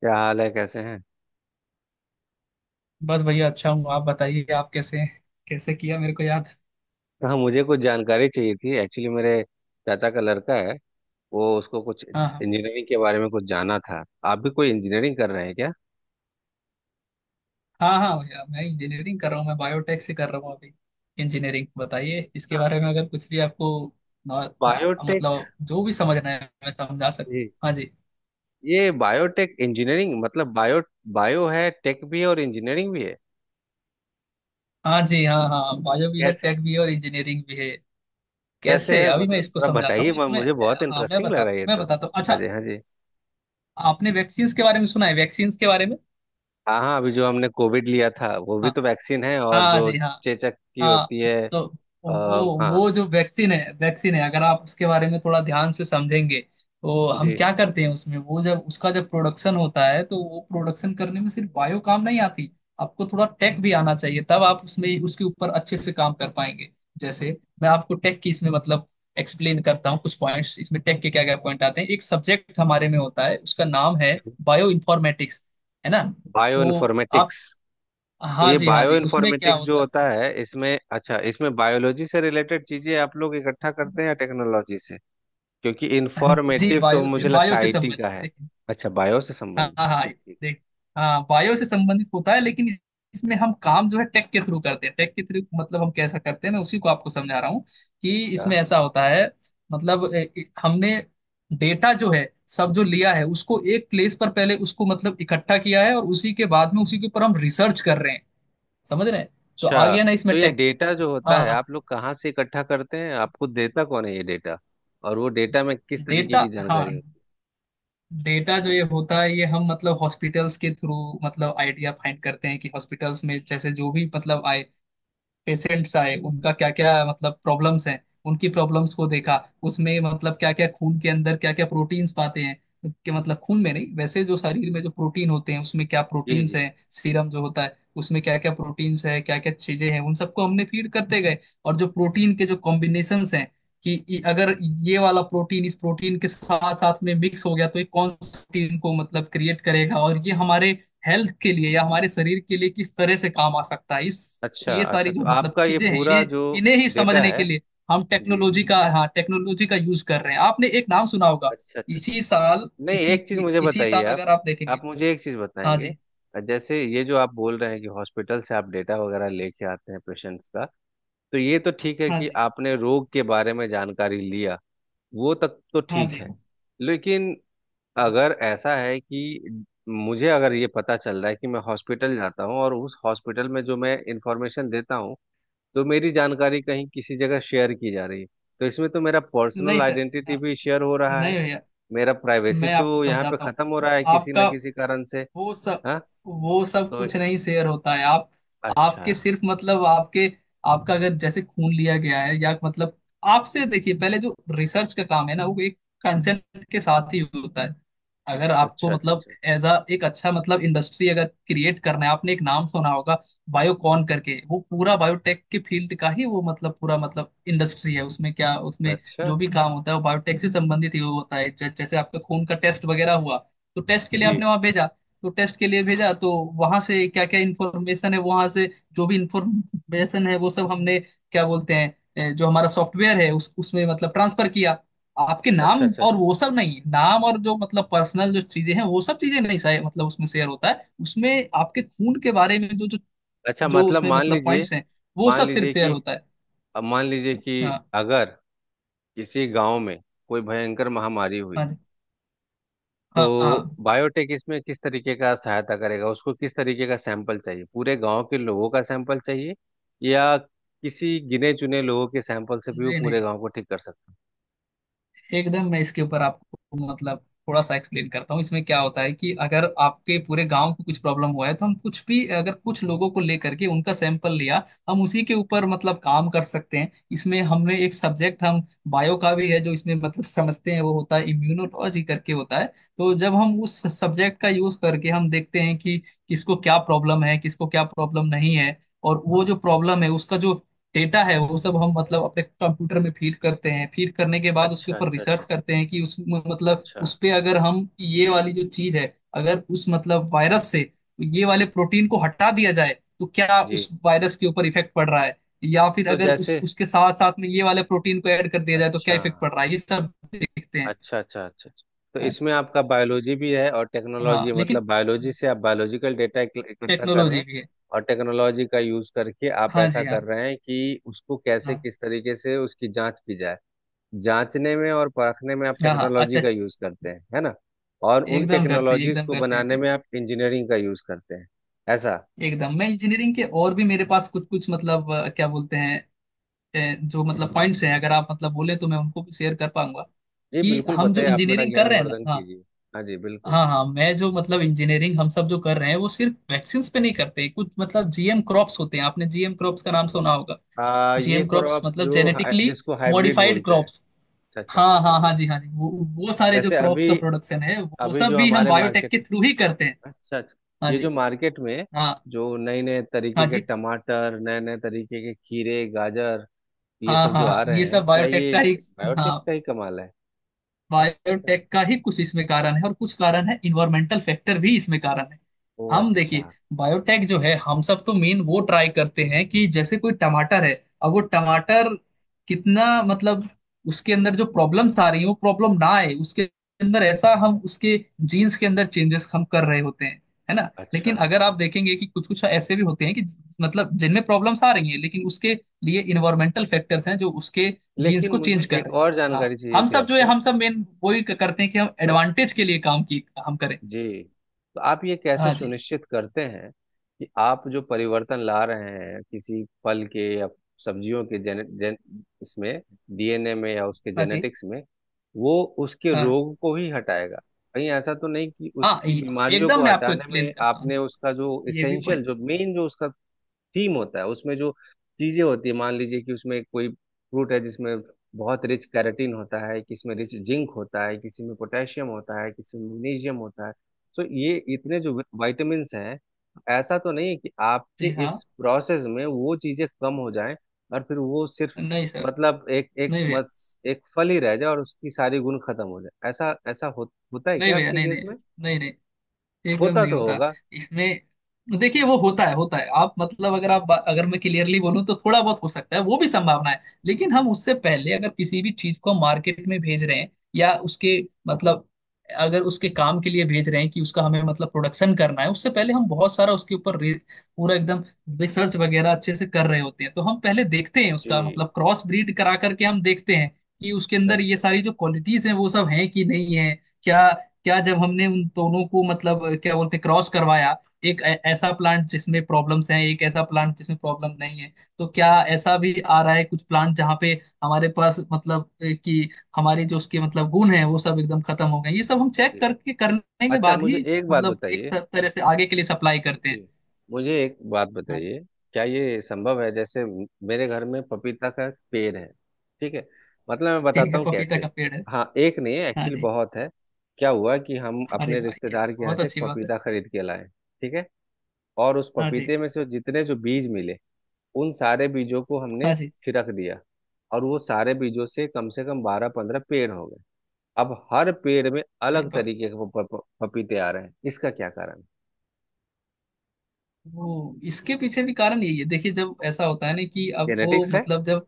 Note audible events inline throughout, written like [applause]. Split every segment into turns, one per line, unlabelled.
क्या हाल है, कैसे हैं।
बस भैया अच्छा हूँ। आप बताइए, आप कैसे हैं? कैसे किया मेरे को याद?
हाँ, मुझे कुछ जानकारी चाहिए थी एक्चुअली। मेरे चाचा का लड़का है, वो उसको कुछ
हाँ हाँ।
इंजीनियरिंग के बारे में कुछ जानना था। आप भी कोई इंजीनियरिंग कर रहे हैं क्या?
हाँ हाँ भैया, मैं इंजीनियरिंग कर रहा हूँ, मैं बायोटेक से कर रहा हूँ अभी। इंजीनियरिंग बताइए इसके बारे में, अगर कुछ भी आपको
बायोटेक?
मतलब जो भी समझना है मैं समझा
जी।
सकता। हाँ जी।
ये बायोटेक इंजीनियरिंग मतलब बायो बायो है, टेक भी है और इंजीनियरिंग भी है।
हाँ जी, हाँ हाँ बायो भी है,
कैसे?
टेक भी है और इंजीनियरिंग भी है।
कैसे
कैसे
है,
अभी मैं
मतलब
इसको
थोड़ा
समझाता
बताइए,
हूँ इसमें।
मुझे बहुत
हाँ मैं
इंटरेस्टिंग लग रहा
बताता
है
हूँ,
ये
मैं
तो।
बताता हूँ।
हाँ
अच्छा,
जी, हाँ जी।
आपने वैक्सीन्स के बारे में सुना है? वैक्सीन्स के बारे में।
हाँ हाँ, अभी जो हमने कोविड लिया था वो भी
हाँ।
तो वैक्सीन है, और
हाँ
जो
जी, हाँ।
चेचक की
हाँ
होती है।
तो
आ,
वो
हाँ
वो जो वैक्सीन है, वैक्सीन है, अगर आप उसके बारे में थोड़ा ध्यान से समझेंगे तो हम
जी।
क्या करते हैं उसमें, वो जब उसका जब प्रोडक्शन होता है तो वो प्रोडक्शन करने में सिर्फ बायो काम नहीं आती। आपको थोड़ा टेक भी आना चाहिए, तब आप उसमें उसके ऊपर अच्छे से काम कर पाएंगे। जैसे मैं आपको टेक की इसमें मतलब एक्सप्लेन करता हूँ कुछ पॉइंट्स। इसमें टेक के क्या क्या पॉइंट आते हैं, एक सब्जेक्ट हमारे में होता है, उसका नाम है बायो इन्फॉर्मेटिक्स। है ना?
बायो
तो आप
इन्फॉर्मेटिक्स? तो
हाँ
ये
जी, हाँ
बायो
जी, उसमें क्या
इन्फॉर्मेटिक्स जो
होता है।
होता है इसमें, अच्छा इसमें बायोलॉजी से रिलेटेड चीजें आप लोग इकट्ठा करते हैं या टेक्नोलॉजी से? क्योंकि
[laughs] जी,
इन्फॉर्मेटिव तो
बायो से,
मुझे लगता
बायो
है
से
आईटी
संबंधित।
का है।
देखिए
अच्छा, बायो से
हाँ
संबंधित।
हाँ हाँ,
ठीक ठीक।
देख हाँ बायो से संबंधित होता है, लेकिन इसमें हम काम जो है टेक के थ्रू करते हैं। टेक के थ्रू मतलब हम कैसा करते हैं, मैं उसी को आपको समझा रहा हूँ कि इसमें
था।
ऐसा होता है मतलब हमने डेटा जो है सब जो लिया है उसको एक प्लेस पर पहले उसको मतलब इकट्ठा किया है, और उसी के बाद में उसी के ऊपर हम रिसर्च कर रहे हैं। समझ रहे हैं? तो आ
अच्छा।
गया ना इसमें
तो ये
टेक।
डेटा जो होता
हाँ
है
हाँ,
आप लोग कहाँ से इकट्ठा करते हैं, आपको देता कौन है ये डेटा? और वो डेटा में किस तरीके
डेटा।
की
हाँ
जानकारी होती
डेटा जो ये होता है ये हम मतलब हॉस्पिटल्स के थ्रू मतलब आइडिया फाइंड करते हैं कि हॉस्पिटल्स में जैसे जो भी मतलब आए, पेशेंट्स आए, उनका क्या क्या मतलब प्रॉब्लम्स हैं, उनकी प्रॉब्लम्स को
है?
देखा, उसमें मतलब क्या क्या खून के अंदर क्या क्या प्रोटीन्स पाते हैं। कि मतलब खून में नहीं, वैसे जो शरीर में जो प्रोटीन होते हैं उसमें क्या
जी जी
प्रोटीन्स
जी।
हैं, सीरम जो होता है उसमें क्या क्या प्रोटीन्स है, क्या क्या चीजें हैं, उन सबको हमने फीड करते गए। और जो प्रोटीन के जो कॉम्बिनेशंस हैं कि अगर ये वाला प्रोटीन इस प्रोटीन के साथ साथ में मिक्स हो गया तो ये कौन सा प्रोटीन को मतलब क्रिएट करेगा, और ये हमारे हेल्थ के लिए या हमारे शरीर के लिए किस तरह से काम आ सकता है। इस
अच्छा
ये
अच्छा,
सारी
तो
जो मतलब
आपका ये
चीजें हैं
पूरा
इन्हें,
जो
इन्हें ही
डेटा
समझने
है।
के लिए हम
जी।
टेक्नोलॉजी का हाँ टेक्नोलॉजी का यूज कर रहे हैं। आपने एक नाम सुना होगा
अच्छा अच्छा।
इसी साल,
नहीं, एक चीज मुझे
इसी
बताइए
साल
आप
अगर आप देखेंगे।
आप मुझे एक चीज
हाँ
बताएंगे।
जी।
जैसे ये जो आप बोल रहे हैं कि हॉस्पिटल से आप डेटा वगैरह लेके आते हैं पेशेंट्स का, तो ये तो ठीक है
हाँ
कि
जी।
आपने रोग के बारे में जानकारी लिया। वो तक तो
हाँ
ठीक
जी।
है, लेकिन अगर ऐसा है कि मुझे अगर ये पता चल रहा है कि मैं हॉस्पिटल जाता हूँ और उस हॉस्पिटल में जो मैं इंफॉर्मेशन देता हूँ, तो मेरी जानकारी कहीं किसी जगह शेयर की जा रही है, तो इसमें तो मेरा
नहीं
पर्सनल
सर।
आइडेंटिटी भी शेयर हो रहा
नहीं
है।
भैया,
मेरा प्राइवेसी
मैं आपको
तो यहाँ पे
समझाता
खत्म हो
हूँ।
रहा है किसी न
आपका
किसी कारण से।
वो सब,
हाँ।
वो सब
तो
कुछ नहीं शेयर होता है आप।
अच्छा
आपके सिर्फ मतलब आपके, आपका अगर जैसे खून लिया गया है या मतलब आपसे, देखिए पहले जो रिसर्च का काम है ना, वो एक कंसेंट के साथ ही होता है। अगर आपको
अच्छा अच्छा।
मतलब
अच्छा
एज अ एक अच्छा मतलब इंडस्ट्री अगर क्रिएट करना है, आपने एक नाम सुना होगा बायोकॉन करके। वो पूरा बायोटेक के फील्ड का ही वो मतलब पूरा मतलब इंडस्ट्री है। उसमें क्या, उसमें
अच्छा
जो भी काम होता है वो बायोटेक से संबंधित ही होता है। जैसे आपका खून का टेस्ट वगैरह हुआ तो टेस्ट के लिए
जी।
आपने वहां भेजा, तो टेस्ट के लिए भेजा तो वहां से क्या क्या इंफॉर्मेशन है वहां से जो भी इंफॉर्मेशन है वो सब हमने क्या बोलते हैं जो हमारा सॉफ्टवेयर है उस उसमें मतलब ट्रांसफर किया। आपके नाम
अच्छा अच्छा
और
अच्छा।
वो सब नहीं, नाम और जो मतलब पर्सनल जो चीजें हैं वो सब चीजें नहीं सही मतलब उसमें शेयर होता है। उसमें आपके खून के बारे में जो जो
अच्छा,
जो
मतलब
उसमें
मान
मतलब
लीजिए,
पॉइंट्स हैं वो
मान
सब सिर्फ
लीजिए
शेयर
कि
होता है।
अब मान लीजिए कि
हाँ
अगर किसी गांव में कोई भयंकर महामारी हुई,
हाँ। जी
तो
हाँ। हाँ
बायोटेक इसमें किस तरीके का सहायता करेगा? उसको किस तरीके का सैंपल चाहिए, पूरे गांव के लोगों का सैंपल चाहिए या किसी गिने चुने लोगों के सैंपल से भी वो
जी।
पूरे
नहीं
गांव को ठीक कर सकता
एकदम, मैं इसके ऊपर आपको मतलब थोड़ा सा एक्सप्लेन करता हूँ। इसमें क्या होता है कि अगर आपके पूरे गांव को कुछ प्रॉब्लम हुआ है तो हम कुछ भी अगर कुछ लोगों को लेकर के उनका सैंपल लिया, हम उसी के ऊपर मतलब काम कर सकते हैं। इसमें हमने एक सब्जेक्ट हम बायो का भी है जो इसमें मतलब समझते हैं, वो होता है इम्यूनोलॉजी करके होता है। तो जब हम उस सब्जेक्ट का यूज करके हम देखते हैं कि किसको क्या प्रॉब्लम है, किसको क्या प्रॉब्लम नहीं है, और वो जो प्रॉब्लम है उसका जो डेटा है वो सब हम मतलब अपने कंप्यूटर में फीड करते हैं। फीड करने के
है?
बाद उसके
अच्छा
ऊपर
अच्छा अच्छा।
रिसर्च
अच्छा
करते हैं कि उस मतलब
अच्छा
उस पे अगर हम ये वाली जो चीज है, अगर उस मतलब वायरस से ये वाले प्रोटीन को हटा दिया जाए तो क्या
जी।
उस वायरस के ऊपर इफेक्ट पड़ रहा है, या फिर
तो
अगर
जैसे।
उस उसके साथ साथ में ये वाले प्रोटीन को ऐड कर दिया जाए तो क्या
अच्छा।
इफेक्ट पड़ रहा है, ये सब देखते हैं।
अच्छा अच्छा। अच्छा अच्छा। तो
हाँ
इसमें आपका बायोलॉजी भी है और
हाँ,
टेक्नोलॉजी,
लेकिन
मतलब बायोलॉजी से आप बायोलॉजिकल डेटा इकट्ठा कर रहे
टेक्नोलॉजी
हैं,
भी है।
और टेक्नोलॉजी का यूज करके आप
हाँ
ऐसा
जी,
कर
हाँ।
रहे हैं कि उसको कैसे,
हाँ
किस तरीके से उसकी जांच की जाए। जांचने में और परखने में आप
हाँ हाँ
टेक्नोलॉजी
अच्छा।
का यूज करते हैं, है ना? और उन
एकदम करते हैं,
टेक्नोलॉजीज
एकदम
को
करते हैं
बनाने
जी।
में आप इंजीनियरिंग का यूज करते हैं। ऐसा?
एकदम, मैं इंजीनियरिंग के और भी मेरे पास कुछ कुछ मतलब क्या बोलते हैं अ, जो मतलब पॉइंट्स हैं, अगर आप मतलब बोले तो मैं उनको भी शेयर कर पाऊंगा।
जी,
कि
बिल्कुल
हम जो
बताइए, आप मेरा
इंजीनियरिंग कर रहे हैं ना,
ज्ञानवर्धन
हाँ।
कीजिए। हाँ जी, बिल्कुल।
हाँ हाँ, मैं जो मतलब इंजीनियरिंग हम सब जो कर रहे हैं वो सिर्फ वैक्सीन्स पे नहीं करते, कुछ मतलब जीएम क्रॉप्स होते हैं, आपने जीएम क्रॉप्स का नाम सुना होगा।
ये
जीएम क्रॉप्स
क्रॉप
मतलब
जो
जेनेटिकली
जिसको हाइब्रिड
मॉडिफाइड
बोलते हैं?
क्रॉप्स।
अच्छा अच्छा
हाँ
अच्छा
हाँ
जी।
हाँ जी, हाँ जी। वो सारे जो
जैसे
क्रॉप्स का
अभी,
प्रोडक्शन है वो
अभी
सब
जो
भी हम
हमारे
बायोटेक
मार्केट
के
में,
थ्रू ही करते हैं।
अच्छा अच्छा,
हाँ
ये जो
जी।
मार्केट में
हाँ।
जो नए नए तरीके
हाँ
के
जी।
टमाटर, नए नए तरीके के खीरे, गाजर, ये
हाँ
सब
हाँ
जो आ
हाँ, ये
रहे हैं,
सब
क्या
बायोटेक
ये
का ही।
बायोटेक
हाँ,
का ही कमाल है? अच्छा।
बायोटेक का ही कुछ इसमें कारण है और कुछ कारण है इन्वायरमेंटल फैक्टर भी इसमें कारण है।
ओ
हम देखिए
अच्छा
बायोटेक जो है हम सब तो मेन वो ट्राई करते हैं कि जैसे कोई टमाटर है, अब वो टमाटर कितना मतलब उसके अंदर जो प्रॉब्लम्स आ रही है वो प्रॉब्लम ना आए, उसके अंदर ऐसा हम उसके जीन्स के अंदर चेंजेस हम कर रहे होते हैं। है ना?
अच्छा।
लेकिन अगर आप देखेंगे कि कुछ कुछ ऐसे भी होते हैं कि मतलब जिनमें प्रॉब्लम्स आ रही हैं लेकिन उसके लिए इन्वायरमेंटल फैक्टर्स हैं जो उसके जीन्स
लेकिन
को
मुझे
चेंज कर
एक
रहे हैं।
और
हाँ,
जानकारी चाहिए
हम
थी
सब जो है
आपसे।
हम सब मेन वही करते हैं कि हम
तो
एडवांटेज के लिए काम की हम करें।
जी, तो आप ये कैसे
हाँ जी।
सुनिश्चित करते हैं कि आप जो परिवर्तन ला रहे हैं किसी फल के या सब्जियों के, इसमें डीएनए में या उसके
हाँ जी।
जेनेटिक्स में, वो उसके
हाँ
रोग को ही हटाएगा? कहीं ऐसा तो नहीं कि
हाँ
उसकी बीमारियों
एकदम,
को
मैं आपको
हटाने
एक्सप्लेन
में
करता हूँ
आपने उसका जो
ये भी
इसेंशियल,
पॉइंट।
जो मेन, जो उसका थीम होता है, उसमें जो चीजें होती है, मान लीजिए कि उसमें कोई फ्रूट है जिसमें बहुत रिच कैरेटीन होता है, किसी में रिच जिंक होता है, किसी में पोटेशियम होता है, किसी में मैग्नीशियम होता है, तो ये इतने जो विटामिन हैं, ऐसा तो नहीं है कि आपके
जी हाँ।
इस प्रोसेस में वो चीजें कम हो जाएं और फिर वो सिर्फ,
नहीं सर।
मतलब एक एक
नहीं भैया,
मत एक फल ही रह जाए और उसकी सारी गुण खत्म हो जाए? ऐसा ऐसा हो, होता है
नहीं
क्या
भैया।
आपके
नहीं
केस
नहीं,
में?
नहीं नहीं। एकदम
होता
नहीं
तो
होता
होगा।
इसमें। देखिए वो होता है, होता है। आप मतलब अगर आप, अगर मैं क्लियरली बोलूं तो थोड़ा बहुत हो सकता है वो भी संभावना है, लेकिन हम उससे पहले अगर किसी भी चीज को मार्केट में भेज रहे हैं या उसके मतलब अगर उसके काम के लिए भेज रहे हैं कि उसका हमें मतलब प्रोडक्शन करना है, उससे पहले हम बहुत सारा उसके ऊपर पूरा एकदम रिसर्च वगैरह अच्छे से कर रहे होते हैं। तो हम पहले देखते हैं
जी
उसका मतलब क्रॉस ब्रीड करा करके हम देखते हैं कि उसके
अच्छा
अंदर ये
अच्छा अच्छा।
सारी जो क्वालिटीज हैं वो सब हैं कि नहीं है। क्या, क्या जब हमने उन दोनों को मतलब क्या बोलते क्रॉस करवाया, एक ऐसा प्लांट जिसमें प्रॉब्लम्स हैं, एक ऐसा प्लांट जिसमें प्रॉब्लम नहीं है, तो क्या ऐसा भी आ रहा है कुछ प्लांट जहाँ पे हमारे पास मतलब कि हमारी जो उसके मतलब गुण है वो सब एकदम खत्म हो गए। ये सब हम चेक
जी
करके करने के
अच्छा।
बाद
मुझे
ही
एक बात
मतलब एक
बताइए।
तरह से आगे के लिए सप्लाई करते हैं।
जी। मुझे एक बात
हाँ जी।
बताइए, क्या ये संभव है जैसे, मेरे घर में पपीता का पेड़ है, ठीक है? मतलब मैं
ठीक
बताता
है
हूँ
पपीता
कैसे।
का पेड़ है।
हाँ, एक नहीं है
हाँ
एक्चुअली,
जी।
बहुत है। क्या हुआ कि हम
अरे
अपने
भाई, ये
रिश्तेदार
तो
के यहाँ
बहुत
से एक
अच्छी बात है।
पपीता खरीद के लाए, ठीक है? और उस
हाँ जी।
पपीते में से जितने जो बीज मिले, उन सारे बीजों को हमने
हाँ जी।
छिड़क दिया। और वो सारे बीजों से कम 12-15 पेड़ हो गए। अब हर पेड़ में
अरे
अलग
वाह,
तरीके के पपीते आ रहे हैं, इसका क्या कारण?
वो इसके पीछे भी कारण यही है। देखिए जब ऐसा होता है ना कि अब वो
जेनेटिक्स है?
मतलब जब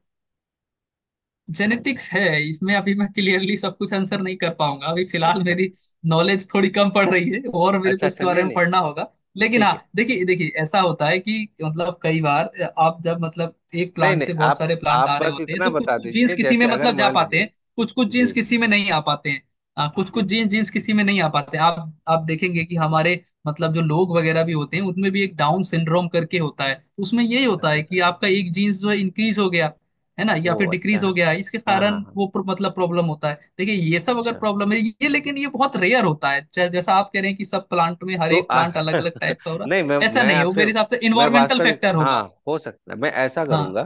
जेनेटिक्स है, इसमें अभी मैं क्लियरली सब कुछ आंसर नहीं कर पाऊंगा, अभी फिलहाल
अच्छा
मेरी नॉलेज थोड़ी कम पड़ रही है और मेरे
अच्छा
को इसके
अच्छा।
बारे
नहीं
में
नहीं।
पढ़ना होगा। लेकिन
ठीक है।
हाँ देखिए, देखिए ऐसा होता है कि मतलब कई बार आप जब मतलब एक
नहीं
प्लांट से
नहीं,
बहुत
आप
सारे प्लांट
आप
आ रहे
बस
होते हैं
इतना
तो कुछ
बता
कुछ जीन्स
दीजिए,
किसी
जैसे
में
अगर
मतलब जा
मान
पाते
लीजिए।
हैं, कुछ कुछ
जी।
जीन्स किसी में नहीं आ पाते हैं। कुछ
जी।
कुछ जीन्स जीन्स किसी में नहीं आ पाते हैं। आप देखेंगे कि हमारे मतलब जो लोग वगैरह भी होते हैं उनमें भी एक डाउन सिंड्रोम करके होता है, उसमें यही होता
अच्छा
है
अच्छा
कि
अच्छा।
आपका एक जीन्स जो है इंक्रीज हो गया, है ना,
ओ
या फिर
अच्छा
डिक्रीज हो
अच्छा
गया, इसके
अच्छा, हाँ हाँ
कारण
हाँ।
वो मतलब प्रॉब्लम होता है। देखिए ये सब अगर
अच्छा।
प्रॉब्लम है ये, लेकिन ये बहुत रेयर होता है। जैसा आप कह रहे हैं कि सब प्लांट में हर
तो
एक प्लांट
[laughs]
अलग अलग टाइप का हो रहा
नहीं, मैं
है, ऐसा
मैं
नहीं है, वो
आपसे,
मेरे हिसाब से
मैं
इन्वायरमेंटल
वास्तविक,
फैक्टर
हाँ।
होगा।
हो सकता है मैं ऐसा
हाँ
करूंगा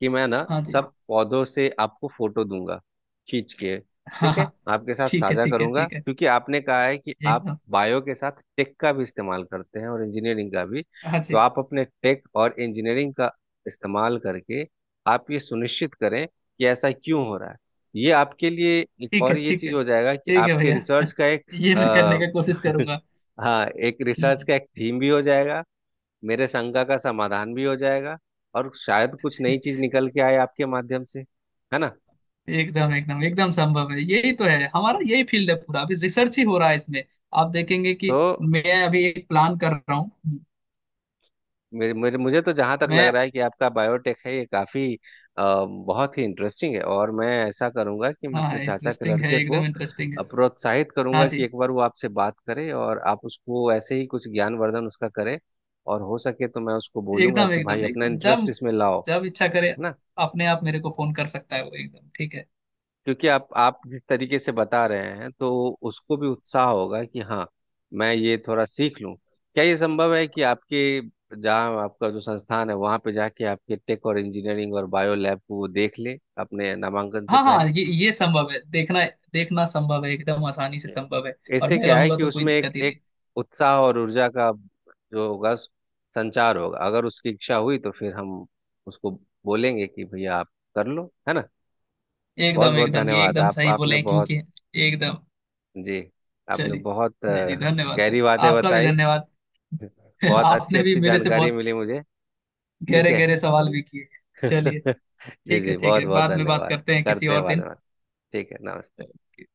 कि मैं ना
हाँ जी,
सब पौधों से आपको फोटो दूंगा, खींच के।
हाँ
ठीक है,
हाँ।
आपके साथ
ठीक है
साझा
ठीक है
करूंगा,
ठीक है,
क्योंकि आपने कहा है कि आप
एकदम।
बायो के साथ टेक का भी इस्तेमाल करते हैं और इंजीनियरिंग का भी।
हाँ
तो
जी।
आप अपने टेक और इंजीनियरिंग का इस्तेमाल करके आप ये सुनिश्चित करें कि ऐसा क्यों हो रहा है। ये आपके लिए एक
ठीक है
और ये
ठीक
चीज
है,
हो जाएगा कि
ठीक है
आपके
भैया। [laughs]
रिसर्च का एक,
ये मैं करने
आ,
का कोशिश
[laughs]
करूंगा।
हाँ, एक
हम्म,
रिसर्च
हम्म।
का एक थीम भी हो जाएगा, मेरे शंका का समाधान भी हो जाएगा, और शायद कुछ नई चीज निकल के आए आपके माध्यम से, है ना?
एकदम एकदम एकदम संभव है, यही तो है हमारा, यही फील्ड है पूरा, अभी रिसर्च ही हो रहा है इसमें। आप देखेंगे कि
तो
मैं अभी एक प्लान कर रहा हूँ,
मेरे, मेरे मुझे तो जहां तक लग
मैं,
रहा है कि आपका बायोटेक है ये काफी, अ, बहुत ही इंटरेस्टिंग है। और मैं ऐसा करूंगा कि मैं
हाँ
अपने चाचा के
इंटरेस्टिंग है,
लड़के को
एकदम इंटरेस्टिंग है।
प्रोत्साहित
हाँ
करूंगा कि
जी।
एक बार वो आपसे बात करे और आप उसको ऐसे ही कुछ ज्ञानवर्धन उसका करें। और हो सके तो मैं उसको बोलूंगा
एकदम
कि भाई
एकदम
अपना
एकदम जब
इंटरेस्ट इसमें लाओ,
जब
है
इच्छा करे
ना?
अपने आप मेरे को फोन कर सकता है वो, एकदम ठीक है।
क्योंकि आप जिस तरीके से बता रहे हैं, तो उसको भी उत्साह होगा कि हाँ, मैं ये थोड़ा सीख लूं। क्या ये संभव है कि आपके, जहाँ आपका जो संस्थान है वहां पे जाके आपके टेक और इंजीनियरिंग और बायो लैब को वो देख ले अपने नामांकन से
हाँ हाँ,
पहले?
ये संभव है। देखना, देखना संभव है, एकदम आसानी से संभव है। और
ऐसे
मैं
क्या है
रहूंगा
कि
तो कोई
उसमें एक
दिक्कत ही नहीं।
एक उत्साह और ऊर्जा का जो होगा संचार होगा, अगर उसकी इच्छा हुई तो फिर हम उसको बोलेंगे कि भैया आप कर लो, है ना? बहुत
एकदम
बहुत
एकदम ये
धन्यवाद
एकदम
आप।
सही बोले
आपने
हैं
बहुत,
क्योंकि एकदम।
जी, आपने
चलिए,
बहुत
जी जी धन्यवाद।
गहरी बातें
आपका भी
बताई,
धन्यवाद। [laughs]
बहुत अच्छी
आपने भी
अच्छी
मेरे से
जानकारी
बहुत
मिली मुझे। ठीक
गहरे
है।
गहरे सवाल भी किए। चलिए,
[laughs] जी
ठीक है
जी,
ठीक
बहुत
है,
बहुत
बाद में बात
धन्यवाद।
करते हैं किसी
करते हैं
और
बाद
दिन।
में बात। ठीक है, नमस्ते।
ओके।